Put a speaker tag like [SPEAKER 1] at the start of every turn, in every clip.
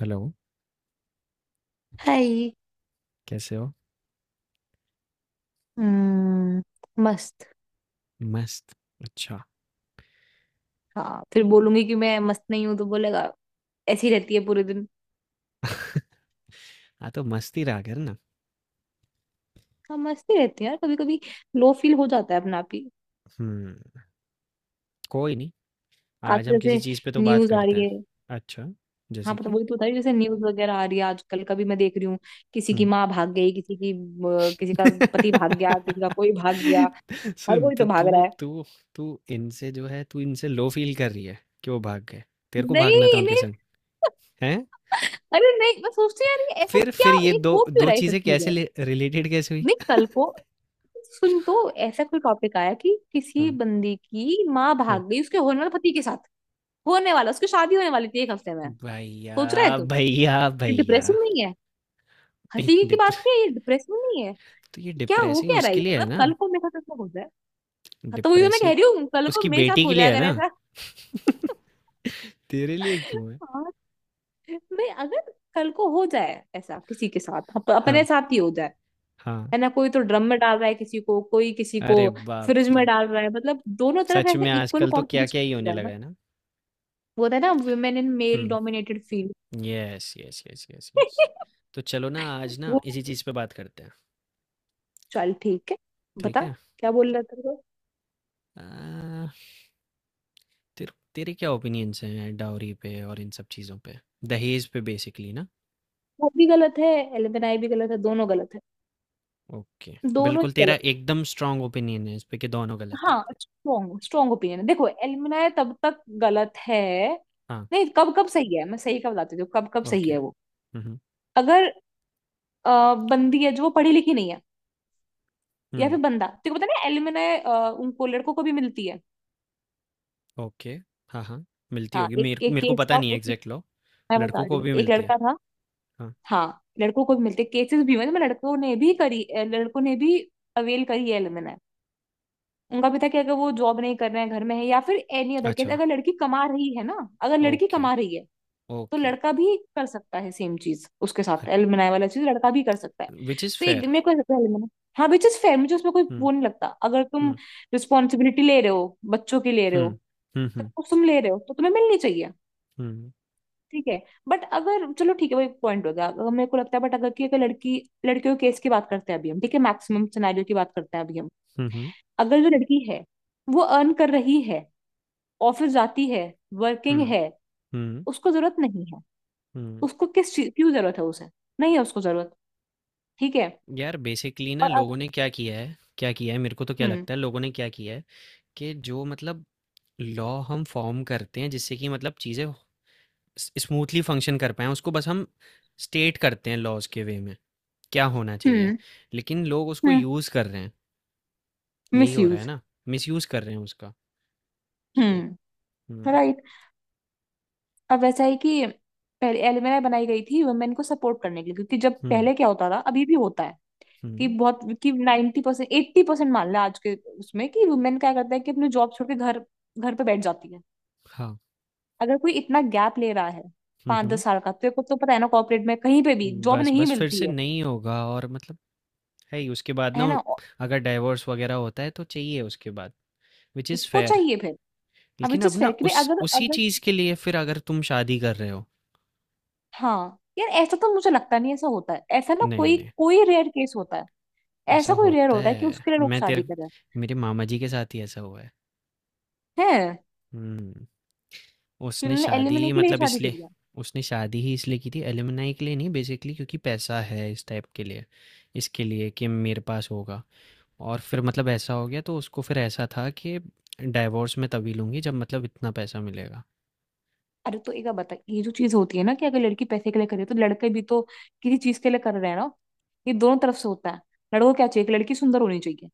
[SPEAKER 1] Hello,
[SPEAKER 2] hi.
[SPEAKER 1] कैसे हो?
[SPEAKER 2] हम्म। मस्त।
[SPEAKER 1] मस्त, अच्छा।
[SPEAKER 2] हाँ, फिर बोलूंगी कि मैं मस्त नहीं हूं तो बोलेगा ऐसी रहती है पूरे दिन।
[SPEAKER 1] हाँ, तो मस्ती रहा कर ना।
[SPEAKER 2] हाँ, मस्त ही रहती है यार कभी कभी। लो फील हो जाता है अपना आप ही।
[SPEAKER 1] हुँ, कोई नहीं, आज हम
[SPEAKER 2] आजकल जैसे
[SPEAKER 1] किसी चीज़ पे तो बात
[SPEAKER 2] न्यूज आ
[SPEAKER 1] करते
[SPEAKER 2] रही
[SPEAKER 1] हैं।
[SPEAKER 2] है।
[SPEAKER 1] अच्छा,
[SPEAKER 2] हाँ,
[SPEAKER 1] जैसे
[SPEAKER 2] पता
[SPEAKER 1] कि?
[SPEAKER 2] वही तो बता रही हूँ, जैसे न्यूज वगैरह आ रही है आजकल कभी मैं देख रही हूँ। किसी की
[SPEAKER 1] हुँ।
[SPEAKER 2] माँ भाग गई किसी की किसी का पति भाग गया किसी का कोई भाग गया। हर
[SPEAKER 1] सुन,
[SPEAKER 2] कोई
[SPEAKER 1] तो
[SPEAKER 2] तो भाग
[SPEAKER 1] तू
[SPEAKER 2] रहा है।
[SPEAKER 1] तू तू इनसे जो है, तू इनसे लो फ़ील कर रही है कि वो भाग गए। तेरे को
[SPEAKER 2] नहीं,
[SPEAKER 1] भागना था उनके
[SPEAKER 2] नहीं।
[SPEAKER 1] संग, हैं?
[SPEAKER 2] अरे नहीं, मैं सोचती हूँ यार ये ऐसा
[SPEAKER 1] फिर
[SPEAKER 2] क्या,
[SPEAKER 1] ये
[SPEAKER 2] ये
[SPEAKER 1] 2
[SPEAKER 2] हो क्यों
[SPEAKER 1] 2
[SPEAKER 2] रहा है ये सब
[SPEAKER 1] चीज़ें कैसे
[SPEAKER 2] चीजें।
[SPEAKER 1] ले रिलेटेड कैसे हुई?
[SPEAKER 2] नहीं, कल को सुन, तो ऐसा कोई टॉपिक आया कि किसी
[SPEAKER 1] हाँ,
[SPEAKER 2] बंदी की माँ
[SPEAKER 1] हाँ।
[SPEAKER 2] भाग गई उसके होने वाले पति के साथ। होने वाला, उसकी शादी होने वाली थी एक हफ्ते में। सोच रहा है
[SPEAKER 1] भैया,
[SPEAKER 2] तू ये
[SPEAKER 1] भैया, भैया।
[SPEAKER 2] डिप्रेसिंग नहीं है।
[SPEAKER 1] ए
[SPEAKER 2] हंसी की बात
[SPEAKER 1] डिप
[SPEAKER 2] नहीं है, ये डिप्रेसिंग नहीं है।
[SPEAKER 1] तो ये
[SPEAKER 2] क्या हो
[SPEAKER 1] डिप्रेसिंग
[SPEAKER 2] क्या रहा है
[SPEAKER 1] उसके
[SPEAKER 2] ये?
[SPEAKER 1] लिए है
[SPEAKER 2] मतलब
[SPEAKER 1] ना।
[SPEAKER 2] कल को मेरे साथ ऐसा हो जाए। हाँ, तो वही तो मैं कह
[SPEAKER 1] डिप्रेसिंग
[SPEAKER 2] रही हूँ, कल को
[SPEAKER 1] उसकी
[SPEAKER 2] मेरे साथ
[SPEAKER 1] बेटी
[SPEAKER 2] हो
[SPEAKER 1] के लिए है
[SPEAKER 2] जाएगा
[SPEAKER 1] ना,
[SPEAKER 2] ऐसा।
[SPEAKER 1] तेरे लिए क्यों है?
[SPEAKER 2] हाँ, मैं अगर कल को हो जाए ऐसा किसी के साथ, अपने
[SPEAKER 1] हाँ,
[SPEAKER 2] साथ ही हो जाए।
[SPEAKER 1] हाँ।
[SPEAKER 2] है ना, कोई तो ड्रम में डाल रहा है किसी को, कोई किसी को
[SPEAKER 1] अरे
[SPEAKER 2] फ्रिज
[SPEAKER 1] बाप
[SPEAKER 2] में
[SPEAKER 1] रे,
[SPEAKER 2] डाल रहा है। मतलब दोनों तरफ
[SPEAKER 1] सच
[SPEAKER 2] ऐसे
[SPEAKER 1] में
[SPEAKER 2] इक्वल
[SPEAKER 1] आजकल तो क्या क्या
[SPEAKER 2] कंपटीशन
[SPEAKER 1] ही
[SPEAKER 2] हो
[SPEAKER 1] होने
[SPEAKER 2] रहा है ना।
[SPEAKER 1] लगा है ना।
[SPEAKER 2] वो था ना women in male
[SPEAKER 1] hmm,
[SPEAKER 2] dominated field.
[SPEAKER 1] Yes yes yes yes yes. तो चलो ना आज ना
[SPEAKER 2] वो
[SPEAKER 1] इसी चीज़ पे बात करते हैं।
[SPEAKER 2] चल ठीक है।
[SPEAKER 1] ठीक
[SPEAKER 2] बता
[SPEAKER 1] है।
[SPEAKER 2] क्या बोल रहा था वो।
[SPEAKER 1] आ, तेरे तेरे क्या ओपिनियंस हैं डाउरी पे और इन सब चीज़ों पे, दहेज पे बेसिकली ना।
[SPEAKER 2] वो भी गलत है, एलुमनाई भी गलत है, दोनों गलत है।
[SPEAKER 1] ओके,
[SPEAKER 2] दोनों ही
[SPEAKER 1] बिल्कुल तेरा
[SPEAKER 2] गलत
[SPEAKER 1] एकदम स्ट्रांग ओपिनियन है इस पे कि दोनों
[SPEAKER 2] है।
[SPEAKER 1] गलत है।
[SPEAKER 2] हाँ, स्ट्रॉन्ग स्ट्रॉन्ग ओपिनियन है। देखो, एलुमनाई तब तक गलत है,
[SPEAKER 1] हाँ,
[SPEAKER 2] नहीं, कब कब सही है मैं सही का बताती हूँ, कब कब सही
[SPEAKER 1] ओके।
[SPEAKER 2] है वो।
[SPEAKER 1] हम्म,
[SPEAKER 2] अगर बंदी है जो वो पढ़ी लिखी नहीं है, या
[SPEAKER 1] हम्म।
[SPEAKER 2] फिर बंदा, तेरे को पता ना एलुमनाय उनको लड़कों को भी मिलती है।
[SPEAKER 1] ओके, हाँ, हाँ, मिलती
[SPEAKER 2] हाँ
[SPEAKER 1] होगी, मेरे
[SPEAKER 2] एक एक
[SPEAKER 1] मेरे को
[SPEAKER 2] केस
[SPEAKER 1] पता
[SPEAKER 2] था
[SPEAKER 1] नहीं है
[SPEAKER 2] उस,
[SPEAKER 1] एग्ज़ैक्ट लॉ।
[SPEAKER 2] मैं बता
[SPEAKER 1] लड़कों
[SPEAKER 2] रही
[SPEAKER 1] को
[SPEAKER 2] हूँ,
[SPEAKER 1] भी
[SPEAKER 2] एक
[SPEAKER 1] मिलती है।
[SPEAKER 2] लड़का था।
[SPEAKER 1] हाँ,
[SPEAKER 2] हाँ, लड़कों को भी मिलते केसेस भी हुए हैं, मतलब लड़कों ने भी करी लड़कों ने भी अवेल करी है एलुमनाय। उनका भी था कि अगर वो जॉब नहीं कर रहे हैं घर में है या फिर एनी अदर केस,
[SPEAKER 1] अच्छा,
[SPEAKER 2] अगर लड़की कमा रही है ना, अगर लड़की
[SPEAKER 1] ओके,
[SPEAKER 2] कमा रही है तो
[SPEAKER 1] ओके।
[SPEAKER 2] लड़का भी कर सकता है सेम चीज उसके
[SPEAKER 1] ह,
[SPEAKER 2] साथ, एलुमनाय वाला चीज लड़का भी कर सकता है।
[SPEAKER 1] व्हिच इज़
[SPEAKER 2] तो एक
[SPEAKER 1] फेयर।
[SPEAKER 2] मेरे को ऐसा लगता है हाँ, विच इज फेयर, मुझे उसमें कोई
[SPEAKER 1] हुँ,
[SPEAKER 2] वो नहीं लगता। अगर तुम
[SPEAKER 1] हुँ,
[SPEAKER 2] रिस्पॉन्सिबिलिटी ले रहे हो, बच्चों की ले रहे
[SPEAKER 1] हुँ,
[SPEAKER 2] हो,
[SPEAKER 1] हुँ,
[SPEAKER 2] सब
[SPEAKER 1] हुँ,
[SPEAKER 2] कुछ तुम ले रहे हो तो तुम्हें मिलनी चाहिए।
[SPEAKER 1] हुँ,
[SPEAKER 2] ठीक है। बट अगर, चलो ठीक है वही पॉइंट हो गया, अगर मेरे को लगता है, बट अगर कि अगर लड़की, लड़कियों के केस की बात करते हैं अभी हम, ठीक है मैक्सिमम सिनेरियो की बात करते हैं अभी हम।
[SPEAKER 1] हुँ, हुँ,
[SPEAKER 2] अगर जो लड़की है, वो अर्न कर रही है, ऑफिस जाती है, वर्किंग
[SPEAKER 1] हुँ,
[SPEAKER 2] है,
[SPEAKER 1] हुँ,
[SPEAKER 2] उसको जरूरत नहीं है।
[SPEAKER 1] हुँ।
[SPEAKER 2] उसको किस चीज क्यों जरूरत है, उसे नहीं है उसको जरूरत। ठीक है।
[SPEAKER 1] यार बेसिकली ना
[SPEAKER 2] और अब
[SPEAKER 1] लोगों ने क्या किया है क्या किया है, मेरे को तो क्या
[SPEAKER 2] हम्म।
[SPEAKER 1] लगता है लोगों ने क्या किया है कि जो मतलब लॉ हम फॉर्म करते हैं जिससे कि मतलब चीज़ें स स्मूथली फंक्शन कर पाएँ, उसको बस हम स्टेट करते हैं लॉज़ के वे में, क्या होना चाहिए,
[SPEAKER 2] हम्म।
[SPEAKER 1] लेकिन लोग उसको
[SPEAKER 2] हम्म।
[SPEAKER 1] यूज़ कर रहे हैं। यही
[SPEAKER 2] मिस
[SPEAKER 1] हो रहा है
[SPEAKER 2] यूज।
[SPEAKER 1] ना, मिसयूज कर रहे हैं उसका, उसको।
[SPEAKER 2] हम्म।
[SPEAKER 1] हम्म,
[SPEAKER 2] राइट। अब वैसा है कि पहले एलएमआई बनाई गई थी वुमेन को सपोर्ट करने के लिए, क्योंकि जब
[SPEAKER 1] हम्म,
[SPEAKER 2] पहले क्या होता था, अभी भी होता है, कि
[SPEAKER 1] हम्म,
[SPEAKER 2] बहुत कि 90% परसेंट एट्टी परसेंट मान लें आज के, उसमें कि वुमेन क्या करता है कि अपनी जॉब छोड़ के घर, घर पे बैठ जाती है।
[SPEAKER 1] हाँ,
[SPEAKER 2] अगर कोई इतना गैप ले रहा है पांच
[SPEAKER 1] हम्म,
[SPEAKER 2] दस साल का, तो पता है ना कॉर्पोरेट में कहीं पे भी
[SPEAKER 1] हम्म,
[SPEAKER 2] जॉब
[SPEAKER 1] बस
[SPEAKER 2] नहीं
[SPEAKER 1] बस फिर
[SPEAKER 2] मिलती
[SPEAKER 1] से
[SPEAKER 2] है।
[SPEAKER 1] नहीं होगा और मतलब है ही उसके बाद ना।
[SPEAKER 2] है ना, और
[SPEAKER 1] अगर डाइवोर्स वगैरह होता है तो चाहिए उसके बाद, विच इज़
[SPEAKER 2] उसको
[SPEAKER 1] फेयर।
[SPEAKER 2] चाहिए फिर। अब
[SPEAKER 1] लेकिन
[SPEAKER 2] विच
[SPEAKER 1] अब
[SPEAKER 2] इज
[SPEAKER 1] ना
[SPEAKER 2] फेयर कि भाई,
[SPEAKER 1] उस,
[SPEAKER 2] अगर
[SPEAKER 1] उसी
[SPEAKER 2] अगर,
[SPEAKER 1] चीज़ के लिए फिर अगर तुम शादी कर रहे हो।
[SPEAKER 2] हाँ यार ऐसा तो मुझे लगता नहीं, ऐसा होता है, ऐसा ना,
[SPEAKER 1] नहीं
[SPEAKER 2] कोई
[SPEAKER 1] नहीं,
[SPEAKER 2] कोई रेयर केस होता है।
[SPEAKER 1] ऐसा
[SPEAKER 2] ऐसा कोई रेयर
[SPEAKER 1] होता
[SPEAKER 2] होता है कि
[SPEAKER 1] है,
[SPEAKER 2] उसके लिए लोग
[SPEAKER 1] मैं
[SPEAKER 2] शादी
[SPEAKER 1] तेरे,
[SPEAKER 2] करें।
[SPEAKER 1] मेरे मामा जी के साथ ही ऐसा हुआ है।
[SPEAKER 2] हैं,
[SPEAKER 1] हुँ। उसने
[SPEAKER 2] तुमने
[SPEAKER 1] शादी
[SPEAKER 2] एलिमनी के लिए
[SPEAKER 1] मतलब
[SPEAKER 2] शादी
[SPEAKER 1] इसलिए,
[SPEAKER 2] करी है।
[SPEAKER 1] उसने शादी ही इसलिए की थी एलुमनाई के लिए नहीं, बेसिकली क्योंकि पैसा है, इस टाइप के लिए, इसके लिए कि मेरे पास होगा। और फिर मतलब ऐसा हो गया तो उसको फिर ऐसा था कि डाइवोर्स मैं तभी लूँगी जब मतलब इतना पैसा मिलेगा।
[SPEAKER 2] अरे तो एक बात बता, ये जो चीज होती है ना कि अगर लड़की पैसे के लिए करे तो लड़के भी तो किसी चीज के लिए कर रहे हैं ना, ये दोनों तरफ से होता है। लड़कों को क्या चाहिए कि लड़की सुंदर होनी चाहिए,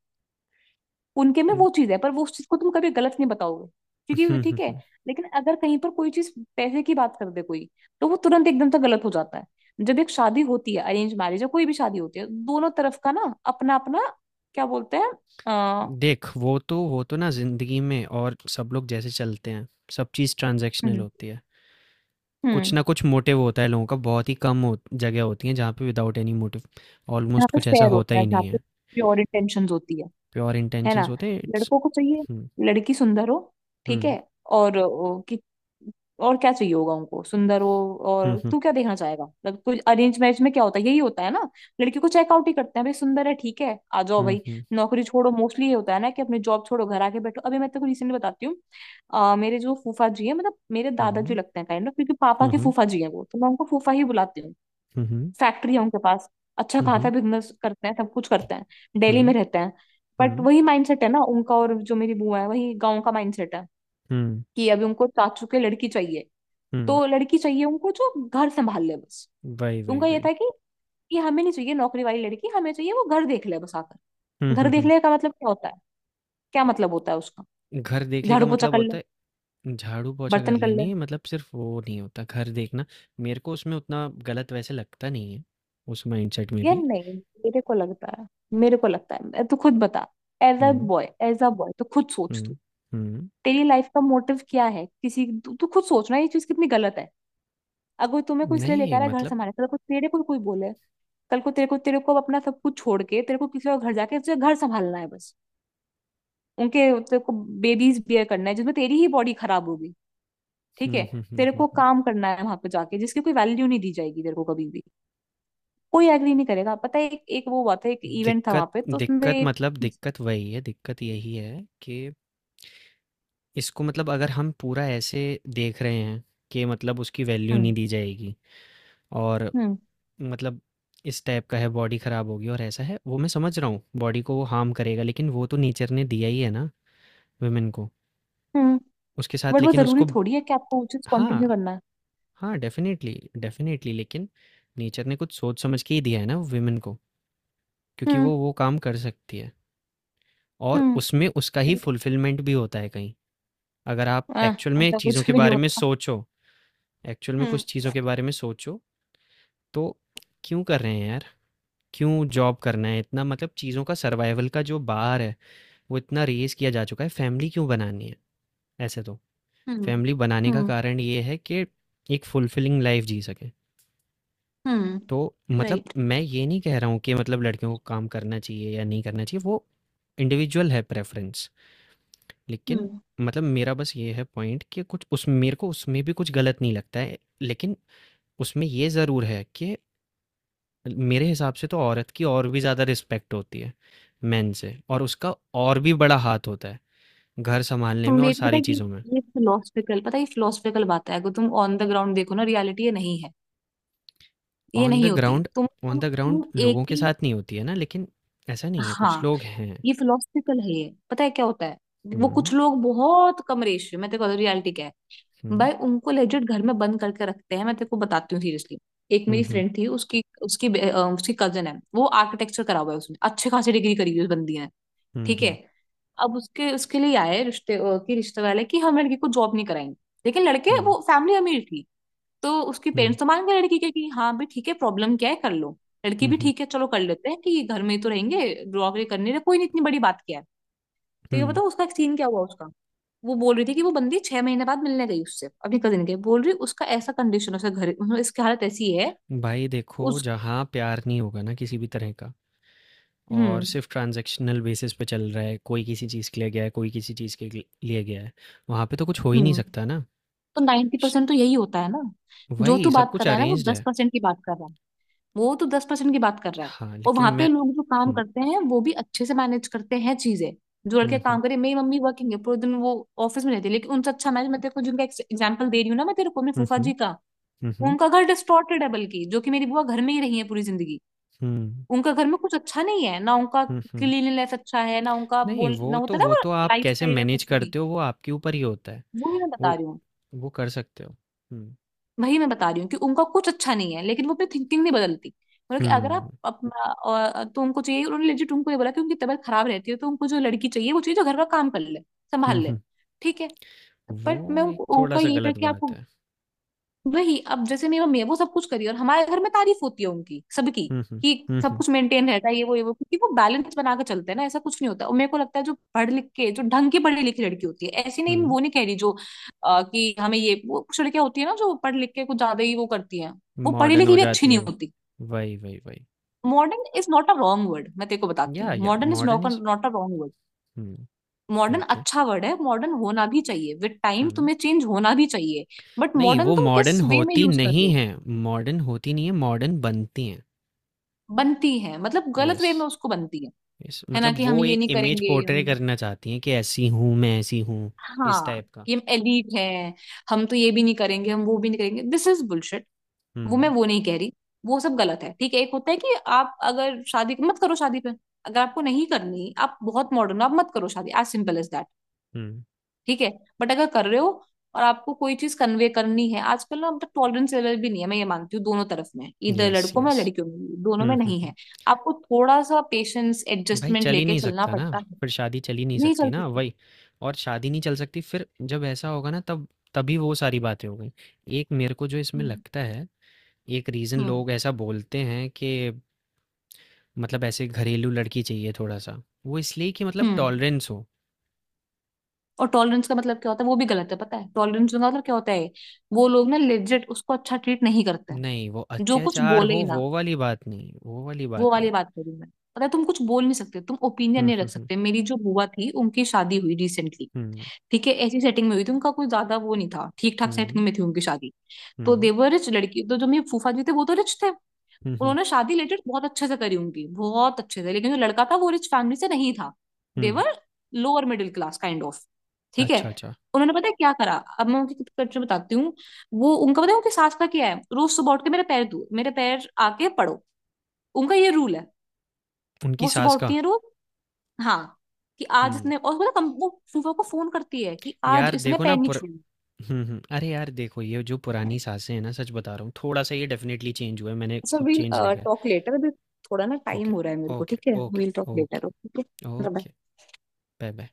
[SPEAKER 2] उनके में
[SPEAKER 1] हुँ,
[SPEAKER 2] वो चीज है, पर वो उस चीज को तुम कभी गलत नहीं बताओगे क्योंकि वो
[SPEAKER 1] हुँ, हुँ,
[SPEAKER 2] ठीक है।
[SPEAKER 1] हुँ।
[SPEAKER 2] लेकिन अगर कहीं पर कोई चीज पैसे की बात कर दे कोई, तो वो तुरंत एकदम से गलत हो जाता है। जब एक शादी होती है, अरेंज मैरिज या कोई भी शादी होती है, दोनों तरफ का ना अपना अपना क्या बोलते हैं अ,
[SPEAKER 1] देख, वो तो ना ज़िंदगी में और सब लोग जैसे चलते हैं, सब चीज़ ट्रांज़ैक्शनल
[SPEAKER 2] हम्म।
[SPEAKER 1] होती है। कुछ
[SPEAKER 2] हम्म।
[SPEAKER 1] ना कुछ मोटिव होता है लोगों का, बहुत ही कम हो जगह होती है जहाँ पे विदाउट एनी मोटिव
[SPEAKER 2] यहाँ
[SPEAKER 1] ऑलमोस्ट
[SPEAKER 2] पे
[SPEAKER 1] कुछ ऐसा
[SPEAKER 2] फेयर
[SPEAKER 1] होता
[SPEAKER 2] होता है
[SPEAKER 1] ही
[SPEAKER 2] जहाँ
[SPEAKER 1] नहीं
[SPEAKER 2] पे
[SPEAKER 1] है।
[SPEAKER 2] प्योर इंटेंशंस होती है
[SPEAKER 1] प्योर
[SPEAKER 2] है
[SPEAKER 1] इंटेंशंस
[SPEAKER 2] ना।
[SPEAKER 1] होते हैं, इट्स,
[SPEAKER 2] लड़कों को चाहिए
[SPEAKER 1] हम्म,
[SPEAKER 2] लड़की सुंदर हो, ठीक
[SPEAKER 1] हम्म,
[SPEAKER 2] है। और कि और क्या चाहिए होगा उनको, सुंदर हो। और
[SPEAKER 1] हम्म,
[SPEAKER 2] तू क्या देखना चाहेगा, मतलब कुछ अरेंज मैरिज में क्या होता है, यही होता है ना। लड़की को चेकआउट ही करते हैं भाई, सुंदर है, ठीक है आ जाओ
[SPEAKER 1] हम्म,
[SPEAKER 2] भाई,
[SPEAKER 1] हम्म,
[SPEAKER 2] नौकरी छोड़ो। मोस्टली ये होता है ना कि अपनी जॉब छोड़ो, घर आके बैठो। अभी मैं तेरे को रिसेंटली बताती हूँ, मेरे जो फूफा जी है, मतलब मेरे दादाजी
[SPEAKER 1] हम्म,
[SPEAKER 2] लगते हैं काइंड ऑफ, क्योंकि पापा के
[SPEAKER 1] हम्म,
[SPEAKER 2] फूफा जी हैं वो, तो मैं उनको फूफा ही बुलाती हूँ।
[SPEAKER 1] हम्म,
[SPEAKER 2] फैक्ट्री है उनके पास, अच्छा
[SPEAKER 1] हम्म, हम्म, हम्म,
[SPEAKER 2] खासा बिजनेस करते हैं, सब कुछ करते हैं। दिल्ली में
[SPEAKER 1] हम्म,
[SPEAKER 2] रहते हैं, बट
[SPEAKER 1] हम्म,
[SPEAKER 2] वही माइंडसेट है ना उनका, और जो मेरी बुआ है वही गांव का माइंडसेट है।
[SPEAKER 1] हम्म,
[SPEAKER 2] कि अभी उनको चाचू के लड़की चाहिए,
[SPEAKER 1] हम्म,
[SPEAKER 2] तो लड़की चाहिए उनको जो घर संभाल ले बस।
[SPEAKER 1] वही वही
[SPEAKER 2] उनका ये
[SPEAKER 1] वही,
[SPEAKER 2] था कि ये हमें नहीं चाहिए नौकरी वाली लड़की, हमें चाहिए वो घर देख ले बस आकर।
[SPEAKER 1] हम्म, हम्म,
[SPEAKER 2] घर देख
[SPEAKER 1] हम्म।
[SPEAKER 2] ले का मतलब क्या होता है, क्या मतलब होता है उसका,
[SPEAKER 1] घर देखने का
[SPEAKER 2] झाड़ू पोछा
[SPEAKER 1] मतलब
[SPEAKER 2] कर
[SPEAKER 1] होता
[SPEAKER 2] ले,
[SPEAKER 1] है झाड़ू पोछा कर
[SPEAKER 2] बर्तन कर ले।
[SPEAKER 1] लेनी, मतलब सिर्फ वो नहीं होता घर देखना। मेरे को उसमें उतना गलत वैसे लगता नहीं है, उस माइंडसेट में
[SPEAKER 2] यार
[SPEAKER 1] भी।
[SPEAKER 2] नहीं, मेरे को लगता है, मेरे को लगता है तू खुद बता, as a
[SPEAKER 1] hmm,
[SPEAKER 2] boy, as a boy तो खुद सोच तू।
[SPEAKER 1] हम्म, हम्म,
[SPEAKER 2] तेरी लाइफ का मोटिव क्या है किसी, तू, तू खुद सोचना ये चीज कितनी गलत है। अगर तुम्हें को इसलिए
[SPEAKER 1] नहीं
[SPEAKER 2] लेकर आया घर
[SPEAKER 1] मतलब,
[SPEAKER 2] संभालने, कल को तेरे को कोई बोले, कल को तेरे को, तेरे को अपना सब कुछ छोड़ के तेरे को किसी और घर जाके तुझे घर संभालना है बस, उनके। तेरे को बेबीज बियर करना है जिसमें तेरी ही बॉडी खराब होगी, ठीक
[SPEAKER 1] हम्म,
[SPEAKER 2] है।
[SPEAKER 1] हम्म, हम्म,
[SPEAKER 2] तेरे
[SPEAKER 1] हम्म,
[SPEAKER 2] को काम करना है वहां पे जाके जिसकी कोई वैल्यू नहीं दी जाएगी तेरे को कभी भी, कोई एग्री नहीं करेगा। पता है एक वो हुआ था, एक इवेंट था
[SPEAKER 1] दिक्कत,
[SPEAKER 2] वहां पे तो उसमें
[SPEAKER 1] दिक्कत,
[SPEAKER 2] एक
[SPEAKER 1] मतलब दिक्कत वही है, दिक्कत यही है कि इसको, मतलब अगर हम पूरा ऐसे देख रहे हैं कि मतलब उसकी वैल्यू नहीं
[SPEAKER 2] हम्म।
[SPEAKER 1] दी जाएगी, और
[SPEAKER 2] हम्म।
[SPEAKER 1] मतलब, इस टाइप का है, बॉडी खराब होगी और ऐसा है, वो मैं समझ रहा हूँ, बॉडी को वो हार्म करेगा, लेकिन वो तो नेचर ने दिया ही है ना वुमेन को,
[SPEAKER 2] हम्म।
[SPEAKER 1] उसके साथ,
[SPEAKER 2] बट वो
[SPEAKER 1] लेकिन
[SPEAKER 2] जरूरी
[SPEAKER 1] उसको,
[SPEAKER 2] थोड़ी है कि आपको वो चीज
[SPEAKER 1] हाँ,
[SPEAKER 2] कंटिन्यू करना है।
[SPEAKER 1] हाँ, डेफिनेटली डेफिनेटली लेकिन नेचर ने कुछ सोच समझ के ही दिया है ना वुमेन को, क्योंकि
[SPEAKER 2] हम्म।
[SPEAKER 1] वो काम कर सकती है और
[SPEAKER 2] हम्म।
[SPEAKER 1] उसमें उसका ही
[SPEAKER 2] राइट।
[SPEAKER 1] फुलफिलमेंट भी होता है कहीं, अगर आप
[SPEAKER 2] आह,
[SPEAKER 1] एक्चुअल में
[SPEAKER 2] ऐसा
[SPEAKER 1] चीज़ों
[SPEAKER 2] कुछ
[SPEAKER 1] के
[SPEAKER 2] नहीं
[SPEAKER 1] बारे में
[SPEAKER 2] होता।
[SPEAKER 1] सोचो, एक्चुअल में
[SPEAKER 2] हम्म।
[SPEAKER 1] कुछ चीज़ों के बारे में सोचो, तो क्यों कर रहे हैं यार? क्यों जॉब करना है इतना, मतलब चीज़ों का सर्वाइवल का जो बार है, वो इतना रेज़ किया जा चुका है, फैमिली क्यों बनानी है? ऐसे तो,
[SPEAKER 2] हम्म।
[SPEAKER 1] फैमिली बनाने का
[SPEAKER 2] हम्म।
[SPEAKER 1] कारण ये है कि एक फुलफिलिंग लाइफ़ जी सकें।
[SPEAKER 2] हम्म।
[SPEAKER 1] तो मतलब
[SPEAKER 2] राइट।
[SPEAKER 1] मैं ये नहीं कह रहा हूँ कि मतलब लड़कियों को काम करना चाहिए या नहीं करना चाहिए, वो इंडिविजुअल है प्रेफ़रेंस। लेकिन
[SPEAKER 2] हम्म।
[SPEAKER 1] मतलब मेरा बस ये है पॉइंट कि कुछ उस, मेरे को उसमें भी कुछ गलत नहीं लगता है। लेकिन उसमें ये ज़रूर है कि मेरे हिसाब से तो औरत की और भी ज़्यादा रिस्पेक्ट होती है मेन से, और उसका और भी बड़ा हाथ होता है घर संभालने में
[SPEAKER 2] तुम
[SPEAKER 1] और
[SPEAKER 2] एक पता
[SPEAKER 1] सारी
[SPEAKER 2] है कि
[SPEAKER 1] चीज़ों में।
[SPEAKER 2] ये फिलोसफिकल, पता है ये फिलोसफिकल बात है, अगर तुम ऑन द ग्राउंड देखो ना, रियलिटी ये नहीं है, ये
[SPEAKER 1] ऑन द
[SPEAKER 2] नहीं होती है।
[SPEAKER 1] ग्राउंड,
[SPEAKER 2] तुम
[SPEAKER 1] ऑन
[SPEAKER 2] तुम,
[SPEAKER 1] द ग्राउंड
[SPEAKER 2] तुम एक
[SPEAKER 1] लोगों के
[SPEAKER 2] ही,
[SPEAKER 1] साथ नहीं होती है ना, लेकिन ऐसा नहीं है, कुछ
[SPEAKER 2] हाँ,
[SPEAKER 1] लोग हैं।
[SPEAKER 2] ये फिलोसफिकल है, ये पता है क्या होता है। वो कुछ
[SPEAKER 1] हुँ,
[SPEAKER 2] लोग बहुत कम रेशियो, मैं तेरे को रियलिटी क्या है,
[SPEAKER 1] हुँ,
[SPEAKER 2] भाई उनको लेजिट घर में बंद करके रखते हैं, मैं तेरे को बताती हूँ सीरियसली। एक
[SPEAKER 1] हुँ,
[SPEAKER 2] मेरी
[SPEAKER 1] हुँ,
[SPEAKER 2] फ्रेंड थी, उसकी उसकी बे- अ, उसकी कजन है, वो आर्किटेक्चर करा हुआ है, उसने अच्छे खासी डिग्री करी हुई है उस बंदी ने,
[SPEAKER 1] हुँ,
[SPEAKER 2] ठीक है।
[SPEAKER 1] हुँ,
[SPEAKER 2] अब उसके उसके लिए आए रिश्ते, कि रिश्ते वाले कि हम लड़की को जॉब नहीं कराएंगे, लेकिन लड़के
[SPEAKER 1] हुँ,
[SPEAKER 2] वो फैमिली अमीर थी, तो उसके
[SPEAKER 1] हुँ,
[SPEAKER 2] पेरेंट्स तो मान गए लड़की के कि हाँ भाई ठीक है प्रॉब्लम क्या है कर लो। लड़की
[SPEAKER 1] हुँ,
[SPEAKER 2] भी
[SPEAKER 1] हुँ,
[SPEAKER 2] ठीक है, चलो कर लेते हैं कि घर में ही तो रहेंगे, नौकरी करने रहे, कोई नहीं, इतनी बड़ी बात क्या है। तो
[SPEAKER 1] हुँ।
[SPEAKER 2] ये बताओ उसका सीन क्या हुआ उसका। वो बोल रही थी कि वो बंदी 6 महीने बाद मिलने गई उससे, अपनी कजिन के बोल रही उसका ऐसा कंडीशन, उसका घर, मतलब इसकी हालत ऐसी है
[SPEAKER 1] भाई देखो,
[SPEAKER 2] उस
[SPEAKER 1] जहाँ प्यार नहीं होगा ना किसी भी तरह का, और
[SPEAKER 2] हम्म।
[SPEAKER 1] सिर्फ ट्रांजैक्शनल बेसिस पे चल रहा है, कोई किसी चीज़ के लिए गया है, कोई किसी चीज़ के लिए गया है, वहाँ पे तो कुछ हो ही नहीं
[SPEAKER 2] हम्म।
[SPEAKER 1] सकता ना।
[SPEAKER 2] तो 90% तो यही होता है ना, जो
[SPEAKER 1] वही,
[SPEAKER 2] तू
[SPEAKER 1] सब
[SPEAKER 2] बात
[SPEAKER 1] कुछ
[SPEAKER 2] कर रहा है ना वो
[SPEAKER 1] अरेंज्ड
[SPEAKER 2] दस
[SPEAKER 1] है।
[SPEAKER 2] परसेंट की बात कर रहा है, वो तो 10% की बात कर रहा है।
[SPEAKER 1] हाँ,
[SPEAKER 2] और
[SPEAKER 1] लेकिन
[SPEAKER 2] वहां पे
[SPEAKER 1] मैं,
[SPEAKER 2] लोग जो काम
[SPEAKER 1] हुँ,
[SPEAKER 2] करते हैं वो भी अच्छे से मैनेज करते हैं चीजें, जो लड़के
[SPEAKER 1] हुँ, हुँ,
[SPEAKER 2] काम करे। मेरी मम्मी वर्किंग है, पूरे दिन वो ऑफिस में रहती है, लेकिन उनसे अच्छा मैनेज, मैं तेरे को जिनका एग्जाम्पल दे रही हूँ ना, मैं तेरे को अपने
[SPEAKER 1] हुँ,
[SPEAKER 2] फूफा
[SPEAKER 1] हुँ,
[SPEAKER 2] जी का,
[SPEAKER 1] हुँ, हुँ,
[SPEAKER 2] उनका घर डिस्टॉर्टेड है, बल्कि जो कि मेरी बुआ घर में ही रही है पूरी जिंदगी,
[SPEAKER 1] हुँ,
[SPEAKER 2] उनका घर में कुछ अच्छा नहीं है ना उनका।
[SPEAKER 1] हुँ, हुँ।
[SPEAKER 2] क्लीनलीनेस अच्छा है ना उनका,
[SPEAKER 1] नहीं,
[SPEAKER 2] बोल
[SPEAKER 1] वो
[SPEAKER 2] ना
[SPEAKER 1] तो
[SPEAKER 2] होता ना
[SPEAKER 1] वो
[SPEAKER 2] वो,
[SPEAKER 1] तो आप
[SPEAKER 2] लाइफ
[SPEAKER 1] कैसे
[SPEAKER 2] स्टाइल या
[SPEAKER 1] मैनेज
[SPEAKER 2] कुछ भी,
[SPEAKER 1] करते हो, वो आपके ऊपर ही होता है।
[SPEAKER 2] वही मैं बता
[SPEAKER 1] वो
[SPEAKER 2] रही हूँ।
[SPEAKER 1] वो कर सकते हो। हुँ,
[SPEAKER 2] वही मैं बता रही हूँ कि उनका कुछ अच्छा नहीं है, लेकिन वो अपनी थिंकिंग नहीं बदलती। मतलब कि अगर
[SPEAKER 1] हुँ,
[SPEAKER 2] आप अपना, और तो उनको चाहिए, उन्होंने लेजिट उनको ये बोला कि उनकी तबीयत खराब रहती है तो उनको जो लड़की चाहिए वो चाहिए जो घर का काम कर ले, संभाल
[SPEAKER 1] हुँ,
[SPEAKER 2] ले,
[SPEAKER 1] हुँ।
[SPEAKER 2] ठीक है। बट मैं
[SPEAKER 1] वो एक
[SPEAKER 2] उनको, उनका
[SPEAKER 1] थोड़ा-सा
[SPEAKER 2] यही था
[SPEAKER 1] गलत
[SPEAKER 2] कि
[SPEAKER 1] बात
[SPEAKER 2] आपको,
[SPEAKER 1] है।
[SPEAKER 2] वही अब जैसे मेरी मम्मी है वो सब कुछ करी और हमारे घर में तारीफ होती है उनकी सबकी
[SPEAKER 1] हुँ, हुँ,
[SPEAKER 2] कि
[SPEAKER 1] हुँ,
[SPEAKER 2] सब
[SPEAKER 1] हुँ,
[SPEAKER 2] कुछ मेंटेन रहता है ये वो ये वो, क्योंकि वो बैलेंस बना के चलते हैं ना, ऐसा कुछ नहीं होता। और मेरे को लगता है जो पढ़ लिख के, जो ढंग की पढ़ी लिखी लड़की होती है, ऐसी नहीं
[SPEAKER 1] हुँ।
[SPEAKER 2] वो नहीं कह रही जो कि हमें ये वो, कुछ लड़कियां होती है ना जो पढ़ लिख के कुछ ज्यादा ही वो करती हैं, वो पढ़ी
[SPEAKER 1] मॉडर्न हो
[SPEAKER 2] लिखी भी अच्छी
[SPEAKER 1] जाती है
[SPEAKER 2] नहीं
[SPEAKER 1] वो।
[SPEAKER 2] होती।
[SPEAKER 1] वही, वही, वही।
[SPEAKER 2] Modern is not a wrong word, मैं तेरे को बताती हूँ,
[SPEAKER 1] या
[SPEAKER 2] modern is
[SPEAKER 1] modern
[SPEAKER 2] not,
[SPEAKER 1] is,
[SPEAKER 2] not a wrong word.
[SPEAKER 1] हुँ,
[SPEAKER 2] मॉडर्न
[SPEAKER 1] ओके।
[SPEAKER 2] अच्छा वर्ड है, मॉडर्न होना भी चाहिए विद टाइम
[SPEAKER 1] हुँ।
[SPEAKER 2] तुम्हें चेंज होना भी चाहिए। बट
[SPEAKER 1] नहीं,
[SPEAKER 2] मॉडर्न
[SPEAKER 1] वो
[SPEAKER 2] तुम किस
[SPEAKER 1] मॉडर्न
[SPEAKER 2] वे में
[SPEAKER 1] होती
[SPEAKER 2] यूज कर रहे
[SPEAKER 1] नहीं
[SPEAKER 2] हो,
[SPEAKER 1] हैं, मॉडर्न होती नहीं है, मॉडर्न बनती हैं।
[SPEAKER 2] बनती है मतलब गलत
[SPEAKER 1] यस।
[SPEAKER 2] वे में उसको, बनती है।
[SPEAKER 1] इस
[SPEAKER 2] है ना
[SPEAKER 1] मतलब
[SPEAKER 2] कि
[SPEAKER 1] वो
[SPEAKER 2] हम ये
[SPEAKER 1] एक
[SPEAKER 2] नहीं
[SPEAKER 1] इमेज
[SPEAKER 2] करेंगे
[SPEAKER 1] पोर्ट्रे
[SPEAKER 2] हम,
[SPEAKER 1] करना चाहती हैं कि ऐसी हूँ, मैं ऐसी हूँ, इस
[SPEAKER 2] हाँ
[SPEAKER 1] टाइप का।
[SPEAKER 2] कि हम एलीट हैं, हम तो ये भी नहीं करेंगे हम वो भी नहीं करेंगे, दिस इज बुलशिट, वो मैं
[SPEAKER 1] हुँ,
[SPEAKER 2] वो नहीं कह रही। वो सब गलत है, ठीक है। एक होता है कि आप अगर शादी मत करो, शादी पे अगर आपको नहीं करनी, आप बहुत मॉडर्न आप मत करो शादी, एज सिंपल एज दैट,
[SPEAKER 1] हुँ।
[SPEAKER 2] ठीक है। बट अगर कर रहे हो और आपको कोई चीज कन्वे करनी है, आजकल ना मतलब टॉलरेंस लेवल भी नहीं है, मैं ये मानती हूँ, दोनों तरफ में, इधर
[SPEAKER 1] यस,
[SPEAKER 2] लड़कों में
[SPEAKER 1] यस।
[SPEAKER 2] लड़कियों में भी, दोनों
[SPEAKER 1] हुँ,
[SPEAKER 2] में
[SPEAKER 1] हुँ,
[SPEAKER 2] नहीं
[SPEAKER 1] हुँ।
[SPEAKER 2] है। आपको थोड़ा सा पेशेंस,
[SPEAKER 1] भाई
[SPEAKER 2] एडजस्टमेंट
[SPEAKER 1] चल ही
[SPEAKER 2] लेके
[SPEAKER 1] नहीं
[SPEAKER 2] चलना
[SPEAKER 1] सकता ना,
[SPEAKER 2] पड़ता है।
[SPEAKER 1] फिर शादी चल ही नहीं
[SPEAKER 2] नहीं
[SPEAKER 1] सकती
[SPEAKER 2] चल
[SPEAKER 1] ना,
[SPEAKER 2] सकते।
[SPEAKER 1] वही। और शादी नहीं चल सकती, फिर जब ऐसा होगा ना, तब तभी वो सारी बातें हो गई। एक मेरे को जो इसमें
[SPEAKER 2] हम्म।
[SPEAKER 1] लगता है, एक रीज़न
[SPEAKER 2] हम्म।
[SPEAKER 1] लोग ऐसा बोलते हैं कि मतलब ऐसे घरेलू लड़की चाहिए थोड़ा-सा, वो इसलिए कि मतलब
[SPEAKER 2] हम्म।
[SPEAKER 1] टॉलरेंस हो।
[SPEAKER 2] और टॉलरेंस का मतलब क्या होता है, वो भी गलत है। पता है टॉलरेंस का मतलब क्या होता है, वो लोग ना लेजिट उसको अच्छा ट्रीट नहीं करते हैं,
[SPEAKER 1] नहीं, वो
[SPEAKER 2] जो कुछ
[SPEAKER 1] अत्याचार
[SPEAKER 2] बोले
[SPEAKER 1] हो
[SPEAKER 2] ही ना,
[SPEAKER 1] वो वाली बात नहीं, वो वाली
[SPEAKER 2] वो
[SPEAKER 1] बात नहीं।
[SPEAKER 2] वाली बात करूं मैं, पता है, तुम कुछ बोल नहीं सकते, तुम ओपिनियन
[SPEAKER 1] हुँ,
[SPEAKER 2] नहीं
[SPEAKER 1] हुँ,
[SPEAKER 2] रख
[SPEAKER 1] हुँ।
[SPEAKER 2] सकते। मेरी जो बुआ थी उनकी शादी हुई रिसेंटली,
[SPEAKER 1] हुँ।
[SPEAKER 2] ठीक है, ऐसी सेटिंग में हुई थी, उनका कोई ज्यादा वो नहीं था, ठीक ठाक
[SPEAKER 1] हुँ,
[SPEAKER 2] सेटिंग में थी उनकी शादी। तो
[SPEAKER 1] हुँ।
[SPEAKER 2] देवर, रिच लड़की, तो जो मेरे फूफा जी थे वो तो रिच थे,
[SPEAKER 1] हुँ, हुँ,
[SPEAKER 2] उन्होंने शादी रिलेटेड बहुत अच्छे से करी, उनकी बहुत अच्छे से, लेकिन जो लड़का था वो रिच फैमिली से नहीं था।
[SPEAKER 1] हुँ।
[SPEAKER 2] They were, lower middle class kind of, ठीक है।
[SPEAKER 1] अच्छा, अच्छा।
[SPEAKER 2] उन्होंने पता है क्या करा, अब मैं उनकी कल्चर बताती हूँ, वो उनका, पता है उनकी सास का क्या है, रोज सुबह उठ के मेरे पैर धो, मेरे पैर आके पढ़ो, उनका ये रूल है।
[SPEAKER 1] उनकी
[SPEAKER 2] वो सुबह
[SPEAKER 1] सास का?
[SPEAKER 2] उठती है रोज, हाँ, कि आज
[SPEAKER 1] हुँ।
[SPEAKER 2] इसने, और पता है, कम वो फूफा को फोन करती है कि आज
[SPEAKER 1] यार
[SPEAKER 2] इसने
[SPEAKER 1] देखो ना
[SPEAKER 2] पैर नहीं
[SPEAKER 1] पुर,
[SPEAKER 2] छुए।
[SPEAKER 1] हुँ, हुँ। अरे यार देखो, ये जो पुरानी सासें हैं ना, सच बता रहा हूँ, थोड़ा-सा ये डेफ़िनेटली चेंज हुआ है। मैंने
[SPEAKER 2] सो
[SPEAKER 1] खुद
[SPEAKER 2] वील
[SPEAKER 1] चेंज देखा है।
[SPEAKER 2] टॉक लेटर अभी, थोड़ा ना टाइम
[SPEAKER 1] ओके,
[SPEAKER 2] हो रहा है मेरे को,
[SPEAKER 1] ओके,
[SPEAKER 2] ठीक है
[SPEAKER 1] okay,
[SPEAKER 2] we'll talk
[SPEAKER 1] okay,
[SPEAKER 2] later,
[SPEAKER 1] okay.
[SPEAKER 2] Okay.
[SPEAKER 1] Bye-bye.